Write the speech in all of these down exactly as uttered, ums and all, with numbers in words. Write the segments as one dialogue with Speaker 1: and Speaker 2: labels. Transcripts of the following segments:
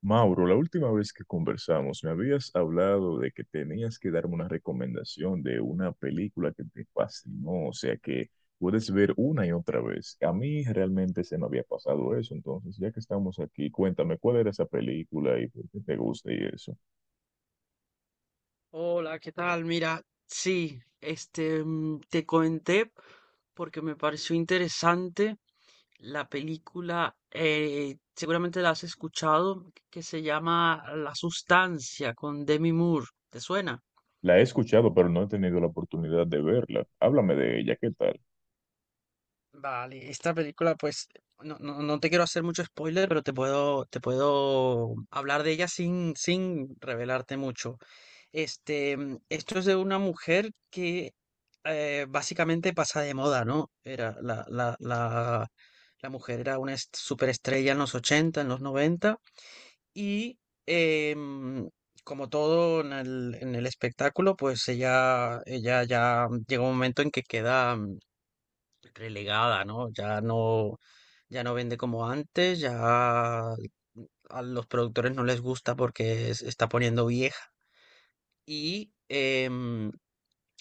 Speaker 1: Mauro, la última vez que conversamos me habías hablado de que tenías que darme una recomendación de una película que te fascinó, o sea que puedes ver una y otra vez. A mí realmente se me había pasado eso, entonces ya que estamos aquí, cuéntame cuál era esa película y por qué te gusta y eso.
Speaker 2: Hola, ¿qué tal? Mira, sí, este, mm, te comenté porque me pareció interesante la película, eh, seguramente la has escuchado, que se llama La Sustancia con Demi Moore. ¿Te suena?
Speaker 1: La he escuchado, pero no he tenido la oportunidad de verla. Háblame de ella, ¿qué tal?
Speaker 2: Vale, esta película, pues, no, no, no te quiero hacer mucho spoiler, pero te puedo, te puedo hablar de ella sin, sin revelarte mucho. Este, mm, esto es de una mujer que eh, básicamente pasa de moda, ¿no? Era la, la, la, la mujer era una est- superestrella en los ochenta en los noventa y eh, mm, como todo en el, en el espectáculo, pues ella, ella ya llega un momento en que queda, mm, relegada, ¿no? Ya no, ya no vende como antes, ya a los productores no les gusta porque se está poniendo vieja. Y em,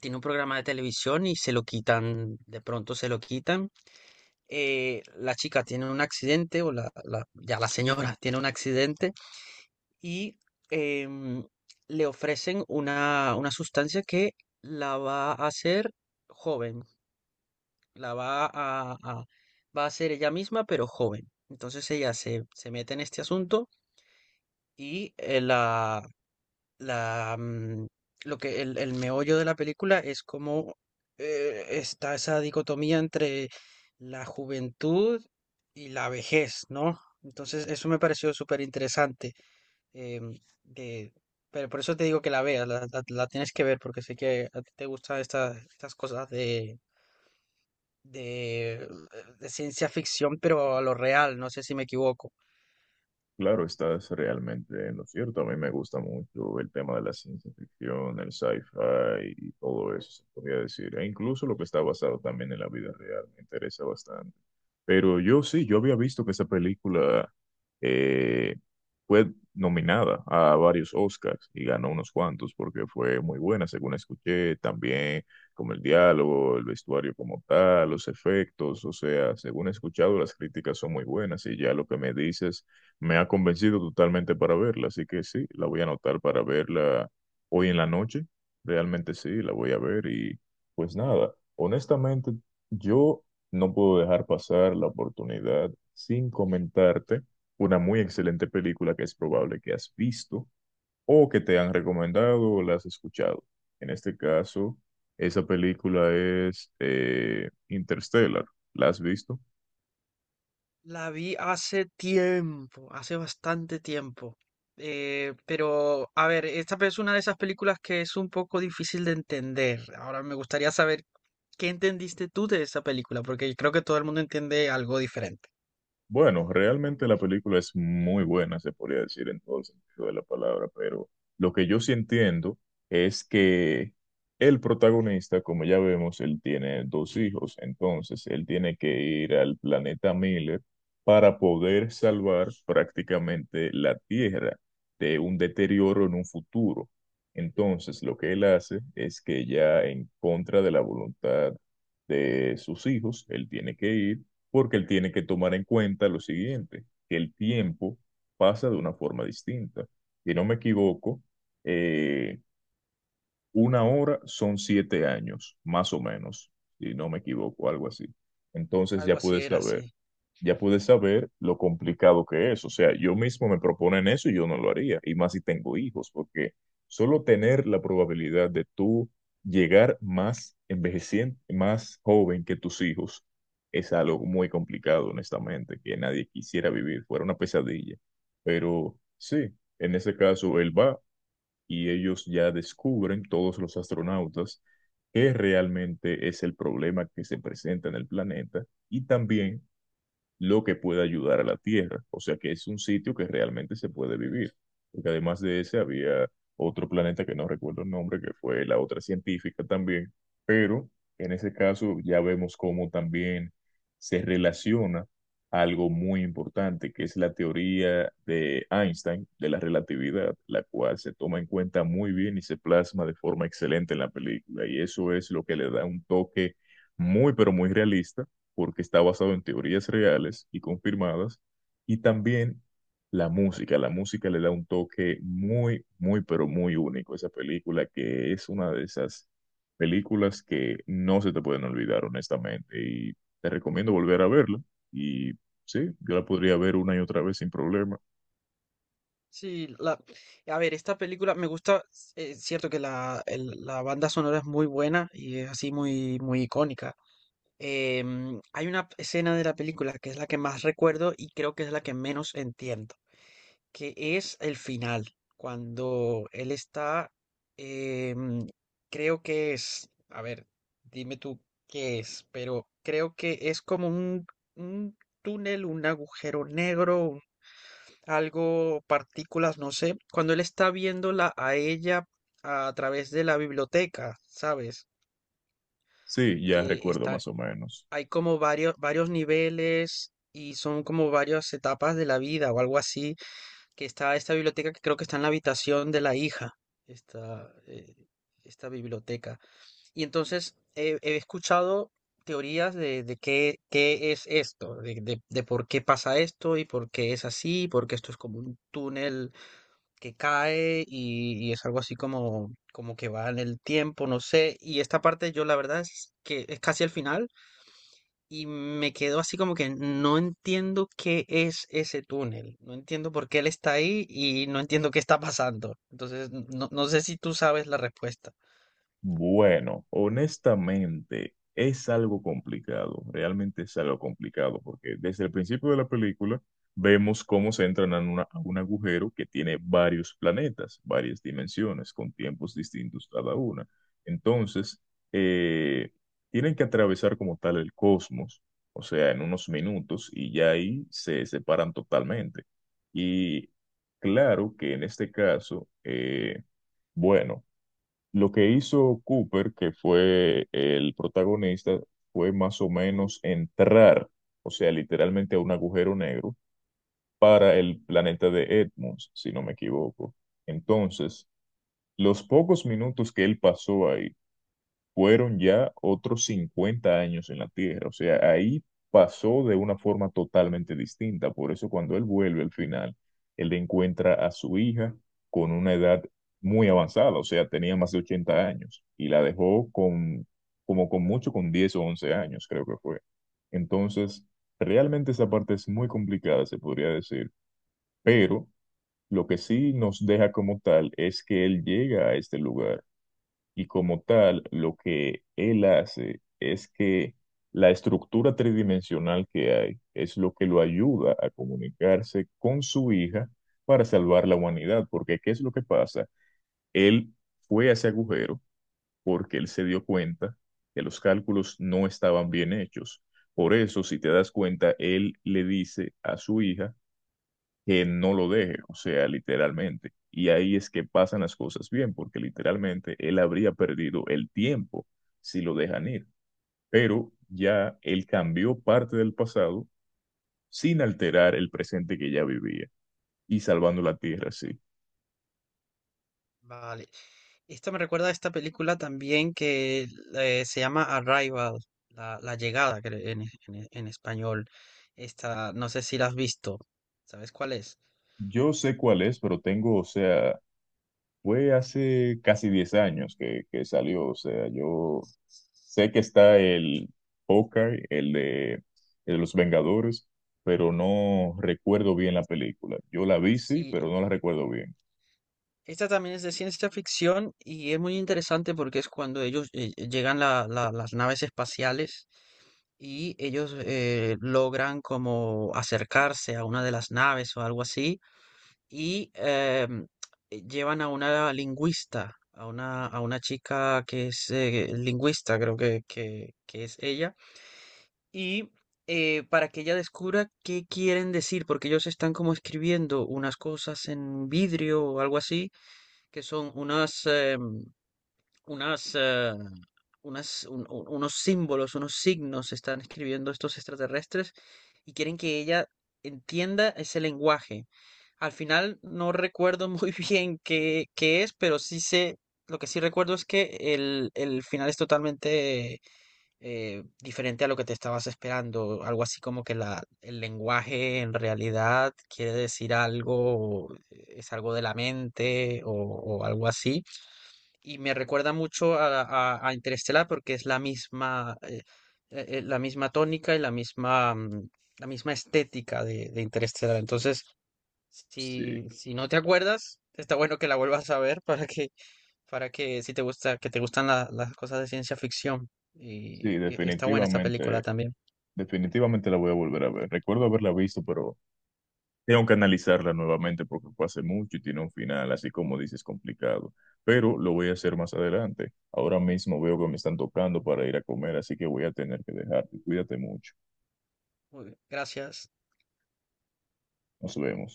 Speaker 2: tiene un programa de televisión y se lo quitan, de pronto se lo quitan. Eh, la chica tiene un accidente, o la, la- ya la señora tiene un accidente, y em, le ofrecen una, una sustancia que la va a hacer joven, la va a, a- va a ser ella misma, pero joven. Entonces ella se, se mete en este asunto y eh, la, la, mm, lo que el, el meollo de la película es como eh, está esa dicotomía entre la juventud y la vejez, ¿no? Entonces eso me pareció súper interesante. em, de- pero por eso te digo que la veas, la, la- la tienes que ver, porque sé que a ti te gustan estas estas cosas de de, de ciencia ficción, pero a lo real, no sé si me equivoco.
Speaker 1: Claro, estás realmente en lo cierto. A mí me gusta mucho el tema de la ciencia ficción, el sci-fi y todo eso, se podría decir. E incluso lo que está basado también en la vida real me interesa bastante. Pero yo sí, yo había visto que esa película eh, fue nominada a varios Oscars y ganó unos cuantos porque fue muy buena, según escuché, también como el diálogo, el vestuario como tal, los efectos, o sea, según he escuchado, las críticas son muy buenas y ya lo que me dices me ha convencido totalmente para verla, así que sí, la voy a anotar para verla hoy en la noche, realmente sí, la voy a ver y pues nada, honestamente yo... No puedo dejar pasar la oportunidad sin comentarte una muy excelente película que es probable que has visto o que te han recomendado o la has escuchado. En este caso, esa película es eh, Interstellar. ¿La has visto?
Speaker 2: La vi hace tiempo, hace bastante tiempo. Eh, pero, a ver, esta es una de esas películas que es un poco difícil de entender. Ahora me gustaría saber qué entendiste tú de esa película, porque creo que todo el mundo entiende algo diferente.
Speaker 1: Bueno, realmente la película es muy buena, se podría decir en todo el sentido de la palabra, pero lo que yo sí entiendo es que el protagonista, como ya vemos, él tiene dos hijos, entonces él tiene que ir al planeta Miller para poder salvar prácticamente la Tierra de un deterioro en un futuro. Entonces, lo que él hace es que ya en contra de la voluntad de sus hijos, él tiene que ir porque él tiene que tomar en cuenta lo siguiente, que el tiempo pasa de una forma distinta. Si no me equivoco, eh, una hora son siete años, más o menos, si no me equivoco, algo así. Entonces
Speaker 2: Algo
Speaker 1: ya
Speaker 2: así
Speaker 1: puedes
Speaker 2: era,
Speaker 1: saber
Speaker 2: sí.
Speaker 1: ya pude saber lo complicado que es. O sea, yo mismo me proponen eso y yo no lo haría. Y más si tengo hijos, porque solo tener la probabilidad de tú llegar más envejeciente, más joven que tus hijos, es algo muy complicado, honestamente, que nadie quisiera vivir, fuera una pesadilla. Pero sí, en ese caso él va y ellos ya descubren, todos los astronautas, qué realmente es el problema que se presenta en el planeta y también lo que puede ayudar a la tierra. O sea que es un sitio que realmente se puede vivir. Porque además de ese había otro planeta que no recuerdo el nombre, que fue la otra científica también. Pero en ese caso ya vemos cómo también se relaciona algo muy importante, que es la teoría de Einstein de la relatividad, la cual se toma en cuenta muy bien y se plasma de forma excelente en la película. Y eso es lo que le da un toque muy, pero muy realista porque está basado en teorías reales y confirmadas, y también la música. La música le da un toque muy, muy, pero muy único a esa película, que es una de esas películas que no se te pueden olvidar, honestamente, y te recomiendo volver a verla. Y sí, yo la podría ver una y otra vez sin problema.
Speaker 2: Sí, la, a ver, esta película me gusta, es cierto que la, el- la banda sonora es muy buena y es así muy, muy icónica. Em, hay una escena de la película que es la que más recuerdo y creo que es la que menos entiendo, que es el final, cuando él está, em, creo que es, a ver, dime tú qué es, pero creo que es como un, un túnel, un agujero negro, algo, partículas, no sé, cuando él está viéndola a ella a través de la biblioteca, ¿sabes?
Speaker 1: Sí, ya
Speaker 2: Que
Speaker 1: recuerdo
Speaker 2: está,
Speaker 1: más o menos.
Speaker 2: hay como varios, varios niveles y son como varias etapas de la vida o algo así, que está esta biblioteca que creo que está en la habitación de la hija, esta, eh, esta biblioteca. Y entonces eh, he escuchado teorías de, de qué, qué es esto, de, de, de por qué pasa esto y por qué es así, porque esto es como un túnel que cae y, y es algo así como, como que va en el tiempo, no sé. Y esta parte yo la verdad es que es casi al final y me quedo así como que no entiendo qué es ese túnel, no entiendo por qué él está ahí y no entiendo qué está pasando. Entonces, no, no sé si tú sabes la respuesta.
Speaker 1: Bueno, honestamente es algo complicado, realmente es algo complicado, porque desde el principio de la película vemos cómo se entran a, una- a un agujero que tiene varios planetas, varias dimensiones, con tiempos distintos cada una. Entonces, eh, tienen que atravesar como tal el cosmos, o sea, en unos minutos, y ya ahí se separan totalmente. Y claro que en este caso, eh, bueno. Lo que hizo Cooper, que fue el protagonista, fue más o menos entrar, o sea, literalmente a un agujero negro para el planeta de Edmonds, si no me equivoco. Entonces, los pocos minutos que él pasó ahí, fueron ya otros cincuenta años en la Tierra. O sea, ahí pasó de una forma totalmente distinta. Por eso cuando él vuelve al final, él encuentra a su hija con una edad muy avanzada, o sea, tenía más de ochenta años y la dejó con, como con mucho, con diez o once años, creo que fue. Entonces, realmente esa parte es muy complicada, se podría decir, pero lo que sí nos deja como tal es que él llega a este lugar y como tal, lo que él hace es que la estructura tridimensional que hay es lo que lo ayuda a comunicarse con su hija para salvar la humanidad. Porque, ¿qué es lo que pasa? Él fue a ese agujero porque él se dio cuenta que los cálculos no estaban bien hechos. Por eso, si te das cuenta, él le dice a su hija que no lo deje, o sea, literalmente. Y ahí es que pasan las cosas bien, porque literalmente él habría perdido el tiempo si lo dejan ir. Pero ya él cambió parte del pasado sin alterar el presente que ya vivía y salvando la tierra, sí.
Speaker 2: Vale. Esto me recuerda a esta película también que eh, se llama Arrival, la, la llegada creo, en, en en español. Esta, no sé si la has visto. ¿Sabes cuál es?
Speaker 1: Yo sé cuál es, pero tengo, o sea, fue hace casi diez años que, que salió, o sea, yo sé que está el Hawkeye, el de, el de los Vengadores, pero no recuerdo bien la película. Yo la vi, sí,
Speaker 2: Sí,
Speaker 1: pero
Speaker 2: e-
Speaker 1: no la recuerdo bien.
Speaker 2: esta también es de ciencia ficción y es muy interesante porque es cuando ellos eh, eh, llegan la- la- las naves espaciales y ellos eh, logran como acercarse a una de las naves o algo así y em, eh, llevan a una lingüista, a una, a una chica que es eh, lingüista, creo que, que, que es ella, y eh, para que ella descubra qué quieren decir, porque ellos están como escribiendo unas cosas en vidrio o algo así que son unas, em, unas, eh, unas, un- un- unos símbolos, unos signos están escribiendo estos extraterrestres y quieren que ella entienda ese lenguaje. Al final no recuerdo muy bien qué, qué es, pero sí sé, lo que sí recuerdo es que el, el final es totalmente eh, diferente a lo que te estabas esperando. Algo así como que la, el lenguaje en realidad quiere decir algo, eh, es algo de la mente o o algo así y me recuerda mucho a, a, a Interestelar porque es la misma, eh, eh, eh, la misma tónica y la misma, mm, la misma estética de, de Interestelar. Entonces,
Speaker 1: Sí,
Speaker 2: si, si no te acuerdas, está bueno que la vuelvas a ver para que, para que si te gusta, que te gustan la- las cosas de ciencia ficción. Y,
Speaker 1: sí,
Speaker 2: y está buena esta película
Speaker 1: definitivamente,
Speaker 2: también.
Speaker 1: definitivamente la voy a volver a ver. Recuerdo haberla visto, pero tengo que analizarla nuevamente porque fue hace mucho y tiene un final, así como dices, complicado. Pero lo voy a hacer más adelante. Ahora mismo veo que me están tocando para ir a comer, así que voy a tener que dejarte. Cuídate mucho.
Speaker 2: Muy bien, Gracias.
Speaker 1: Nos vemos.